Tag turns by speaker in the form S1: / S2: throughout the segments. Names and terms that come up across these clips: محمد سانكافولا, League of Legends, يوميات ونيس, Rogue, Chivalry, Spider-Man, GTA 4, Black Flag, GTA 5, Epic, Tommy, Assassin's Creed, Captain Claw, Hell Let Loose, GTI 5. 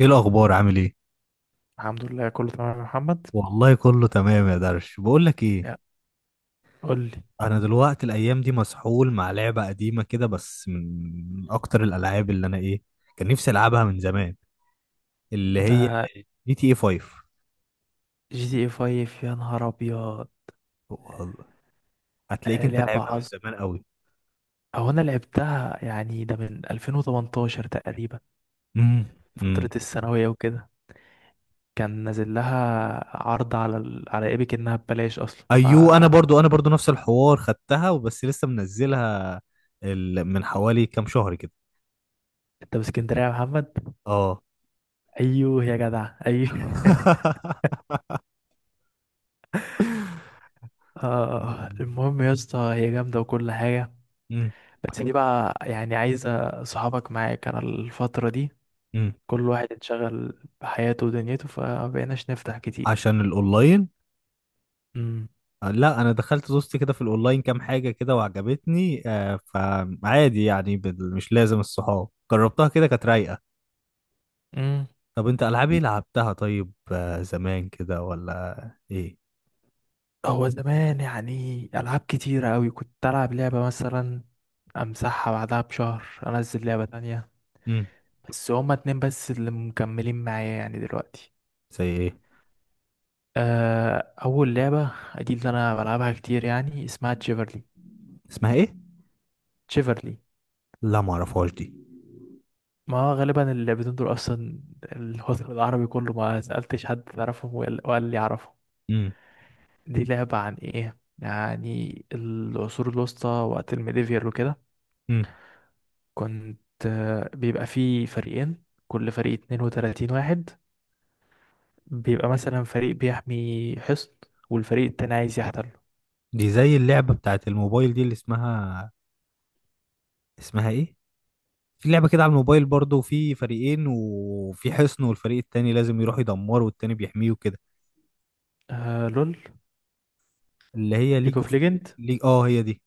S1: ايه الاخبار؟ عامل ايه؟
S2: الحمد لله كله تمام يا محمد.
S1: والله كله تمام يا درش. بقول لك ايه؟
S2: يا قول لي
S1: انا دلوقتي الايام دي مسحول مع لعبه قديمه كده، بس من اكتر الالعاب اللي انا كان نفسي العبها من زمان، اللي هي
S2: ده.
S1: جي تي اي 5.
S2: جي تي اي 5، يا نهار ابيض!
S1: والله، هتلاقيك
S2: آه،
S1: انت
S2: لعبة
S1: لعبها من
S2: عظم.
S1: زمان قوي.
S2: او انا لعبتها يعني ده من 2018 تقريبا،
S1: امم.
S2: فترة
S1: امم.
S2: الثانوية وكده. كان نازل لها عرض على على ايبك انها ببلاش اصلا
S1: ايوه، انا برضو نفس الحوار، خدتها وبس لسه منزلها من حوالي كام شهر كده.
S2: انت باسكندرية يا محمد؟
S1: اه.
S2: ايوه يا جدع ايوه. المهم يا اسطى، هي جامدة وكل حاجة.
S1: امم.
S2: بس دي بقى يعني عايزة صحابك معاك، انا الفترة دي
S1: امم.
S2: كل واحد انشغل بحياته ودنيته فمبقيناش نفتح كتير.
S1: عشان الاونلاين.
S2: امم.
S1: لا، انا دخلت دوست كده في الاونلاين كام حاجه كده وعجبتني، فعادي يعني، مش لازم الصحاب، جربتها كده كانت رايقه.
S2: امم.
S1: طب انت العاب ايه لعبتها؟ طيب، زمان كده ولا ايه؟
S2: هو زمان يعني ألعاب كتيرة أوي، كنت ألعب لعبة مثلا أمسحها بعدها بشهر أنزل لعبة تانية.
S1: امم.
S2: بس هما اتنين بس اللي مكملين معايا يعني دلوقتي.
S1: زي ايه؟
S2: أول لعبة دي اللي أنا بلعبها كتير، يعني اسمها تشيفرلي.
S1: اسمها ايه؟
S2: تشيفرلي.
S1: لا، ما اعرفهاش دي.
S2: ما هو غالبا اللعبتين دول أصلا الوطن العربي كله ما سألتش حد تعرفهم، وقال لي أعرفهم.
S1: امم.
S2: دي لعبة عن ايه؟ يعني العصور الوسطى وقت الميديفير وكده.
S1: امم.
S2: كنت بيبقى فيه فريقين، كل فريق 32 واحد. بيبقى مثلا فريق بيحمي حصن والفريق التاني عايز يحتله.
S1: دي زي اللعبه بتاعت الموبايل دي اللي اسمها ايه، في لعبه كده على الموبايل برضو، في فريقين وفي حصن والفريق التاني لازم يروح يدمره والتاني بيحميه كده،
S2: آه لول.
S1: اللي هي
S2: ليج
S1: ليج
S2: اوف
S1: اوف.
S2: ليجند.
S1: ليج اه هي دي.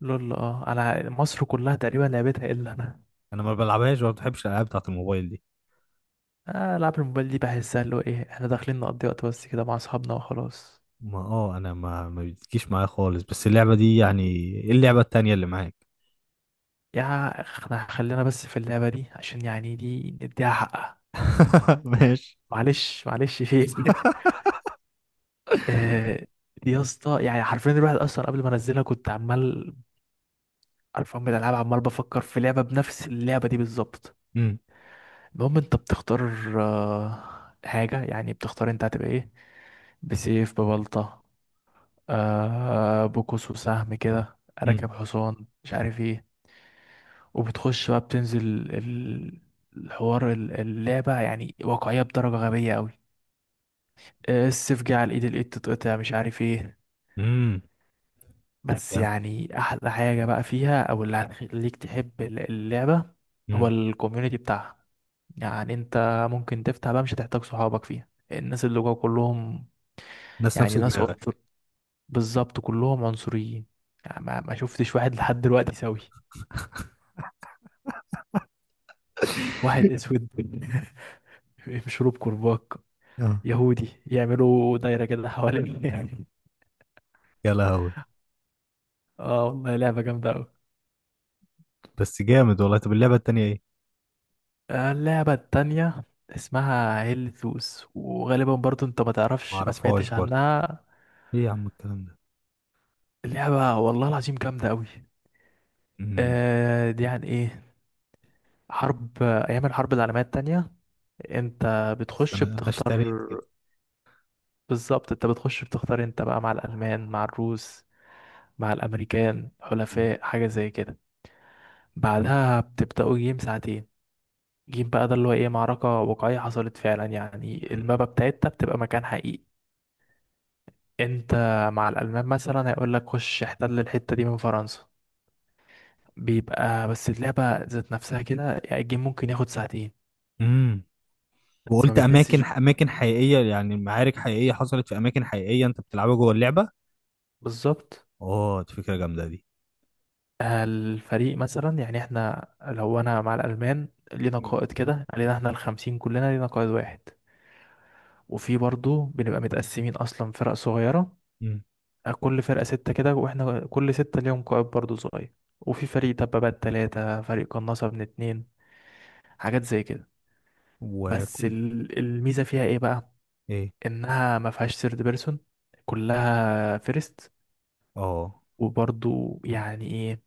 S2: لول. اه انا مصر كلها تقريبا لعبتها الا انا.
S1: انا ما بلعبهاش وما بتحبش الالعاب بتاعت الموبايل دي.
S2: العاب الموبايل دي بحسها اللي هو ايه، احنا داخلين نقضي وقت بس كده مع اصحابنا وخلاص.
S1: ما اه انا ما بتجيش معايا خالص، بس اللعبه دي يعني. ايه اللعبه التانية اللي معاك؟
S2: يا اخ، احنا خلينا بس في اللعبة دي عشان يعني دي نديها حقها.
S1: ماشي.
S2: معلش معلش فيك. آه، يا اسطى، يعني حرفيا الواحد اصلا قبل ما انزلها كنت عمال، عارف من الالعاب، عمال بفكر في لعبه بنفس اللعبه دي بالظبط.
S1: امم.
S2: المهم انت بتختار حاجه، يعني بتختار انت هتبقى ايه، بسيف، ببلطه، بقوس وسهم، كده
S1: امم.
S2: راكب حصان مش عارف ايه. وبتخش بقى بتنزل، ال- الحوار، اللعبه يعني واقعيه بدرجه غبيه قوي. السيف جه على الايد، الايد تتقطع، مش عارف ايه.
S1: امم.
S2: بس
S1: جامد.
S2: يعني احلى حاجة بقى فيها او اللي هتخليك تحب اللعبة هو
S1: امم.
S2: الكوميونتي بتاعها. يعني انت ممكن تفتح بقى، مش هتحتاج صحابك فيها، الناس اللي جوا كلهم
S1: ناس
S2: يعني
S1: نفس
S2: ناس عنصر،
S1: دماغك.
S2: بالظبط كلهم عنصريين. يعني ما شفتش واحد لحد دلوقتي سوي، واحد اسود مشروب كرباج،
S1: اه.
S2: يهودي، يعملوا دايرة كده حوالين.
S1: يا لهوي.
S2: اه والله لعبة جامدة أوي.
S1: بس جامد والله. طب اللعبه التانية ايه؟
S2: آه، اللعبة التانية اسمها هيل ثوس، وغالبا برضو انت ما
S1: ما
S2: تعرفش ما
S1: اعرفهاش
S2: سمعتش
S1: برضو.
S2: عنها.
S1: ايه يا عم الكلام ده؟
S2: اللعبة والله العظيم جامدة قوي.
S1: امم.
S2: دي عن ايه؟ حرب، ايام الحرب العالمية التانية. انت
S1: بس
S2: بتخش
S1: انا اشتريت
S2: بتختار،
S1: كده.
S2: بالظبط انت بتخش بتختار انت بقى مع الالمان، مع الروس، مع الامريكان،
S1: امم.
S2: حلفاء، حاجة زي كده. بعدها بتبدأوا جيم ساعتين. جيم بقى ده اللي هو ايه، معركة واقعية حصلت فعلا، يعني المابا بتاعتها بتبقى مكان حقيقي. انت مع الالمان مثلا هيقول لك خش احتل الحته دي من فرنسا. بيبقى بس اللعبه ذات نفسها كده، يعني الجيم ممكن ياخد ساعتين،
S1: امم.
S2: بس ما
S1: وقلت،
S2: بتحسش
S1: اماكن
S2: بيه،
S1: اماكن حقيقيه يعني، معارك حقيقيه حصلت في اماكن حقيقيه انت بتلعبها جوه اللعبه.
S2: بالظبط.
S1: اه، دي فكره جامده دي.
S2: الفريق مثلا، يعني احنا لو انا مع الالمان لينا قائد كده علينا، احنا الخمسين كلنا لينا قائد واحد، وفي برضو بنبقى متقسمين اصلا فرق صغيره.
S1: مم.
S2: كل فرقه سته كده، واحنا كل سته ليهم قائد برضو صغير، وفي فريق دبابات تلاتة، فريق قناصة من اتنين، حاجات زي كده.
S1: و،
S2: بس الميزة فيها ايه بقى؟
S1: ايه.
S2: انها ما فيهاش ثيرد بيرسون، كلها فيرست.
S1: اه.
S2: وبرضو يعني ايه،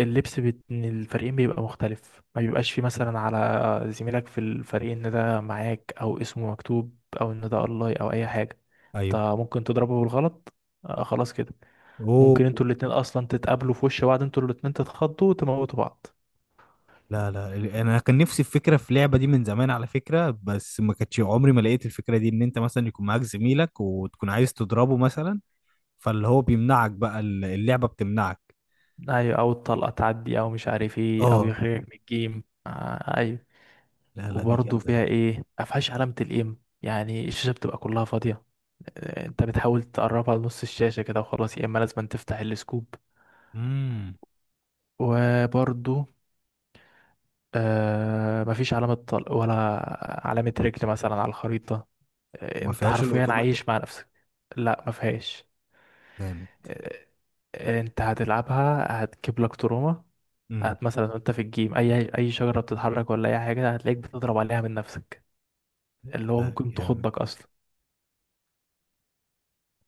S2: اللبس بين الفريقين بيبقى مختلف، ما بيبقاش فيه مثلا على زميلك في الفريق ان ده معاك او اسمه مكتوب او ان ده الله او اي حاجه. انت
S1: ايوه.
S2: ممكن تضربه بالغلط. آه خلاص كده.
S1: اوه.
S2: ممكن انتوا الاتنين اصلا تتقابلوا في وش بعض، انتوا الاتنين تتخضوا وتموتوا بعض.
S1: لا لا، انا كان نفسي في فكره في لعبه دي من زمان على فكره، بس ما كانتش، عمري ما لقيت الفكره دي، ان انت مثلا يكون معاك زميلك وتكون عايز تضربه مثلا، فاللي هو بيمنعك بقى، اللعبه بتمنعك.
S2: ايوه، او الطلقه تعدي، او مش عارف ايه، او
S1: اه.
S2: يخرجك من الجيم، آه ايوه.
S1: لا لا، دي
S2: وبرضه
S1: جامده دي.
S2: فيها ايه، مفيهاش علامة الام، يعني الشاشة بتبقى كلها فاضية. انت بتحاول تقربها لنص الشاشة كده وخلاص، يا اما لازم تفتح السكوب.
S1: امم.
S2: وبرضه مفيش علامة طلق، ولا علامة رجل مثلا على الخريطة.
S1: وما
S2: انت
S1: فيهاش
S2: حرفيا
S1: الاوتوماتيك؟
S2: عايش مع نفسك. لا، مفيهاش.
S1: جامد.
S2: آه، انت هتلعبها هتجيب لك تروما.
S1: امم.
S2: مثلا وانت في الجيم اي شجرة بتتحرك ولا اي حاجة هتلاقيك بتضرب عليها من نفسك، اللي هو
S1: لا،
S2: ممكن
S1: جامد،
S2: تخضك اصلا.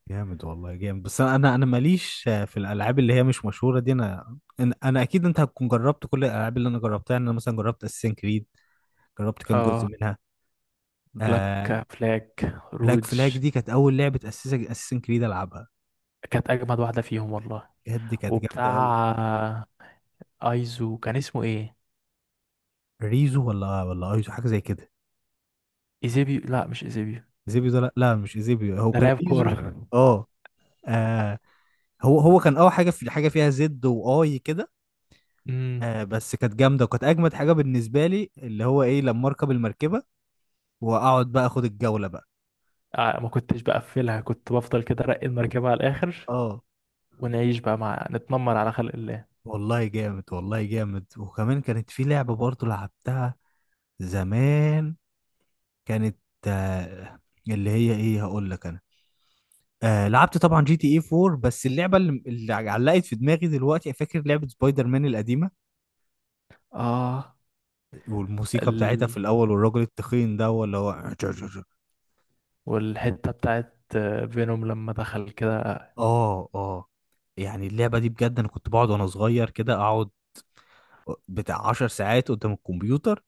S1: جامد والله جامد، بس انا انا أنا ماليش في الالعاب اللي هي مش مشهوره دي. انا انا أنا اكيد انت هتكون جربت كل الالعاب اللي انا جربتها. يعني انا مثلا جربت اساسن كريد. جربت كام
S2: اه،
S1: جزء منها.
S2: بلاك
S1: آه.
S2: فلاج،
S1: بلاك فلاج
S2: روج.
S1: دي كانت اول لعبه اساسا اساسن كريد العبها.
S2: كانت اجمد واحده فيهم والله.
S1: بجد كانت جامده قوي.
S2: وبتاع ايزو كان اسمه ايه؟
S1: ريزو ولا ايزو، حاجه زي كده.
S2: ايزيبيو، لا مش ايزيبيو،
S1: زيبيو ده لا مش زيبيو، هو
S2: ده
S1: كان
S2: لاعب كوره.
S1: ريزو. اه. آه، هو كان اول حاجه في حاجه فيها زد واي كده.
S2: امم.
S1: آه، بس كانت جامده، وكانت اجمد حاجه بالنسبه لي اللي هو ايه لما اركب المركبه واقعد بقى اخد الجوله بقى.
S2: ما كنتش بقفلها، كنت بفضل كده ارقي المركبه على الاخر،
S1: اه.
S2: ونعيش بقى مع نتنمر على خلق الله.
S1: والله جامد، والله جامد، وكمان كانت في لعبه برضو لعبتها زمان، كانت، آه، اللي هي ايه هقول لك انا. لعبت طبعا جي تي اي 4، بس اللعبه اللي علقت في دماغي دلوقتي، فاكر لعبه سبايدر مان القديمه،
S2: اه،
S1: والموسيقى بتاعتها في
S2: ال...
S1: الاول والراجل التخين ده، ولا هو.
S2: والحته بتاعت فينوم لما دخل كده.
S1: اه. اه. يعني اللعبه دي بجد، انا كنت بقعد وانا صغير كده، اقعد بتاع 10 ساعات قدام الكمبيوتر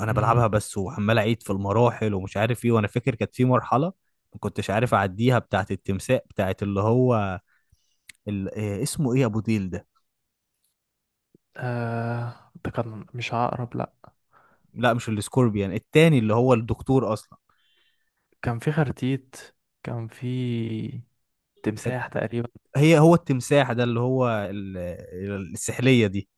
S1: انا بلعبها
S2: امم.
S1: بس، وعمال اعيد في المراحل ومش عارف ايه. وانا فاكر كانت في مرحله ما كنتش عارف اعديها، بتاعت التمساح، بتاعت اللي هو ال... آه، اسمه ايه ابو ديل.
S2: ده كان مش عقرب، لا،
S1: لا، مش السكوربيان التاني اللي هو الدكتور اصلا.
S2: كان في خرتيت، كان في تمساح تقريبا،
S1: هي هو التمساح ده اللي هو السحلية دي.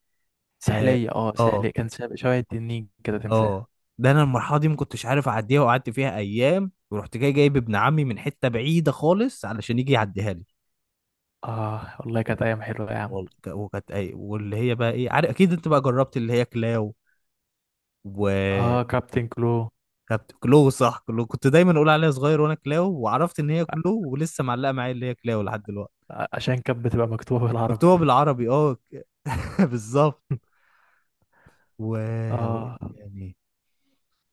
S1: اه.
S2: سحلية، اه
S1: اه.
S2: سحلية، كان شبه التنين كده، تمساح.
S1: آه. ده انا المرحلة دي ما كنتش عارف اعديها وقعدت فيها ايام، ورحت جاي جايب ابن عمي من حتة بعيدة خالص علشان يجي يعديها لي.
S2: اه والله كانت أيام حلوة يا عم.
S1: وكانت اي، واللي هي بقى ايه، عارف اكيد انت بقى جربت اللي هي كلاو. و،
S2: اه كابتن كلو.
S1: كانت كلو، صح، كلو كنت دايما اقول عليها صغير وانا كلاو، وعرفت ان هي كلو، ولسه معلقة معايا اللي هي كلاو لحد دلوقتي.
S2: عشان كانت بتبقى مكتوبة
S1: مكتوبة
S2: بالعربي.
S1: بالعربي، اه، بالظبط. و،
S2: اه
S1: يعني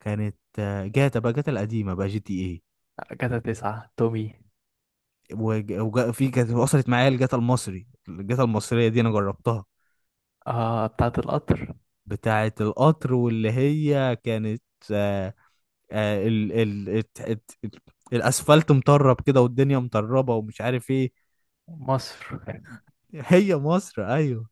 S1: كانت، جاتا بقى، جاتا القديمة بقى، جي تي ايه.
S2: كده تسعة تومي.
S1: في كانت وصلت معايا الجاتا المصري، الجاتا المصرية دي انا جربتها،
S2: اه بتاعة القطر.
S1: بتاعة القطر، واللي هي كانت، آه، ال ال الت- الت- الت- الاسفلت مطرب كده والدنيا مطربة ومش عارف ايه.
S2: مصر.
S1: هي مصر ايوه.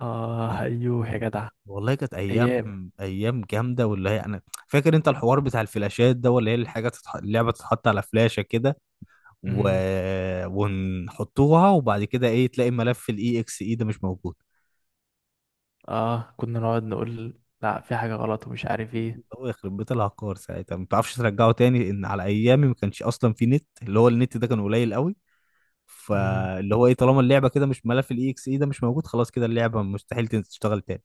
S2: اه ايوه يا جدع.
S1: والله كانت ايام،
S2: ايام.
S1: ايام جامده. واللي هي انا فاكر، انت الحوار بتاع الفلاشات ده، ولا هي الحاجه اللعبه تتحط على فلاشه كده، و...
S2: امم.
S1: ونحطوها، وبعد كده ايه، تلاقي ملف الاي اكس اي ده مش موجود.
S2: اه كنا نقعد نقول لا في حاجة غلط ومش عارف ايه.
S1: هو يخرب بيت العقار، ساعتها ما تعرفش ترجعه تاني، ان على ايامي ما كانش اصلا في نت، اللي هو النت ده كان قليل قوي.
S2: امم.
S1: فاللي هو ايه، طالما اللعبه كده مش، ملف الاي اكس اي ده مش موجود، خلاص كده اللعبه مستحيل تشتغل تاني.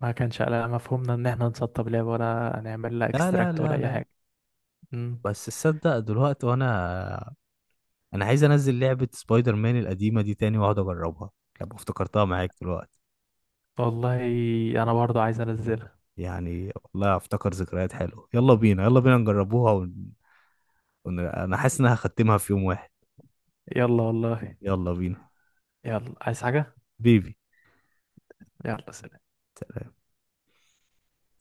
S2: ما كانش على مفهومنا ان احنا نسطب لعبة ولا نعمل لها
S1: لا لا
S2: اكستراكت ولا
S1: لا
S2: اي
S1: لا.
S2: حاجة.
S1: بس تصدق، دلوقتي وانا عايز انزل لعبه سبايدر مان القديمه دي تاني واقعد اجربها لما افتكرتها معاك دلوقتي.
S2: والله انا برضو عايز انزلها.
S1: يعني والله افتكر ذكريات حلوه. يلا بينا، يلا بينا نجربوها. أنا حاسس ان انا هختمها في يوم واحد.
S2: يلا والله.
S1: يلا بينا.
S2: يلا، عايز حاجة؟
S1: بيبي.
S2: يلا سلام.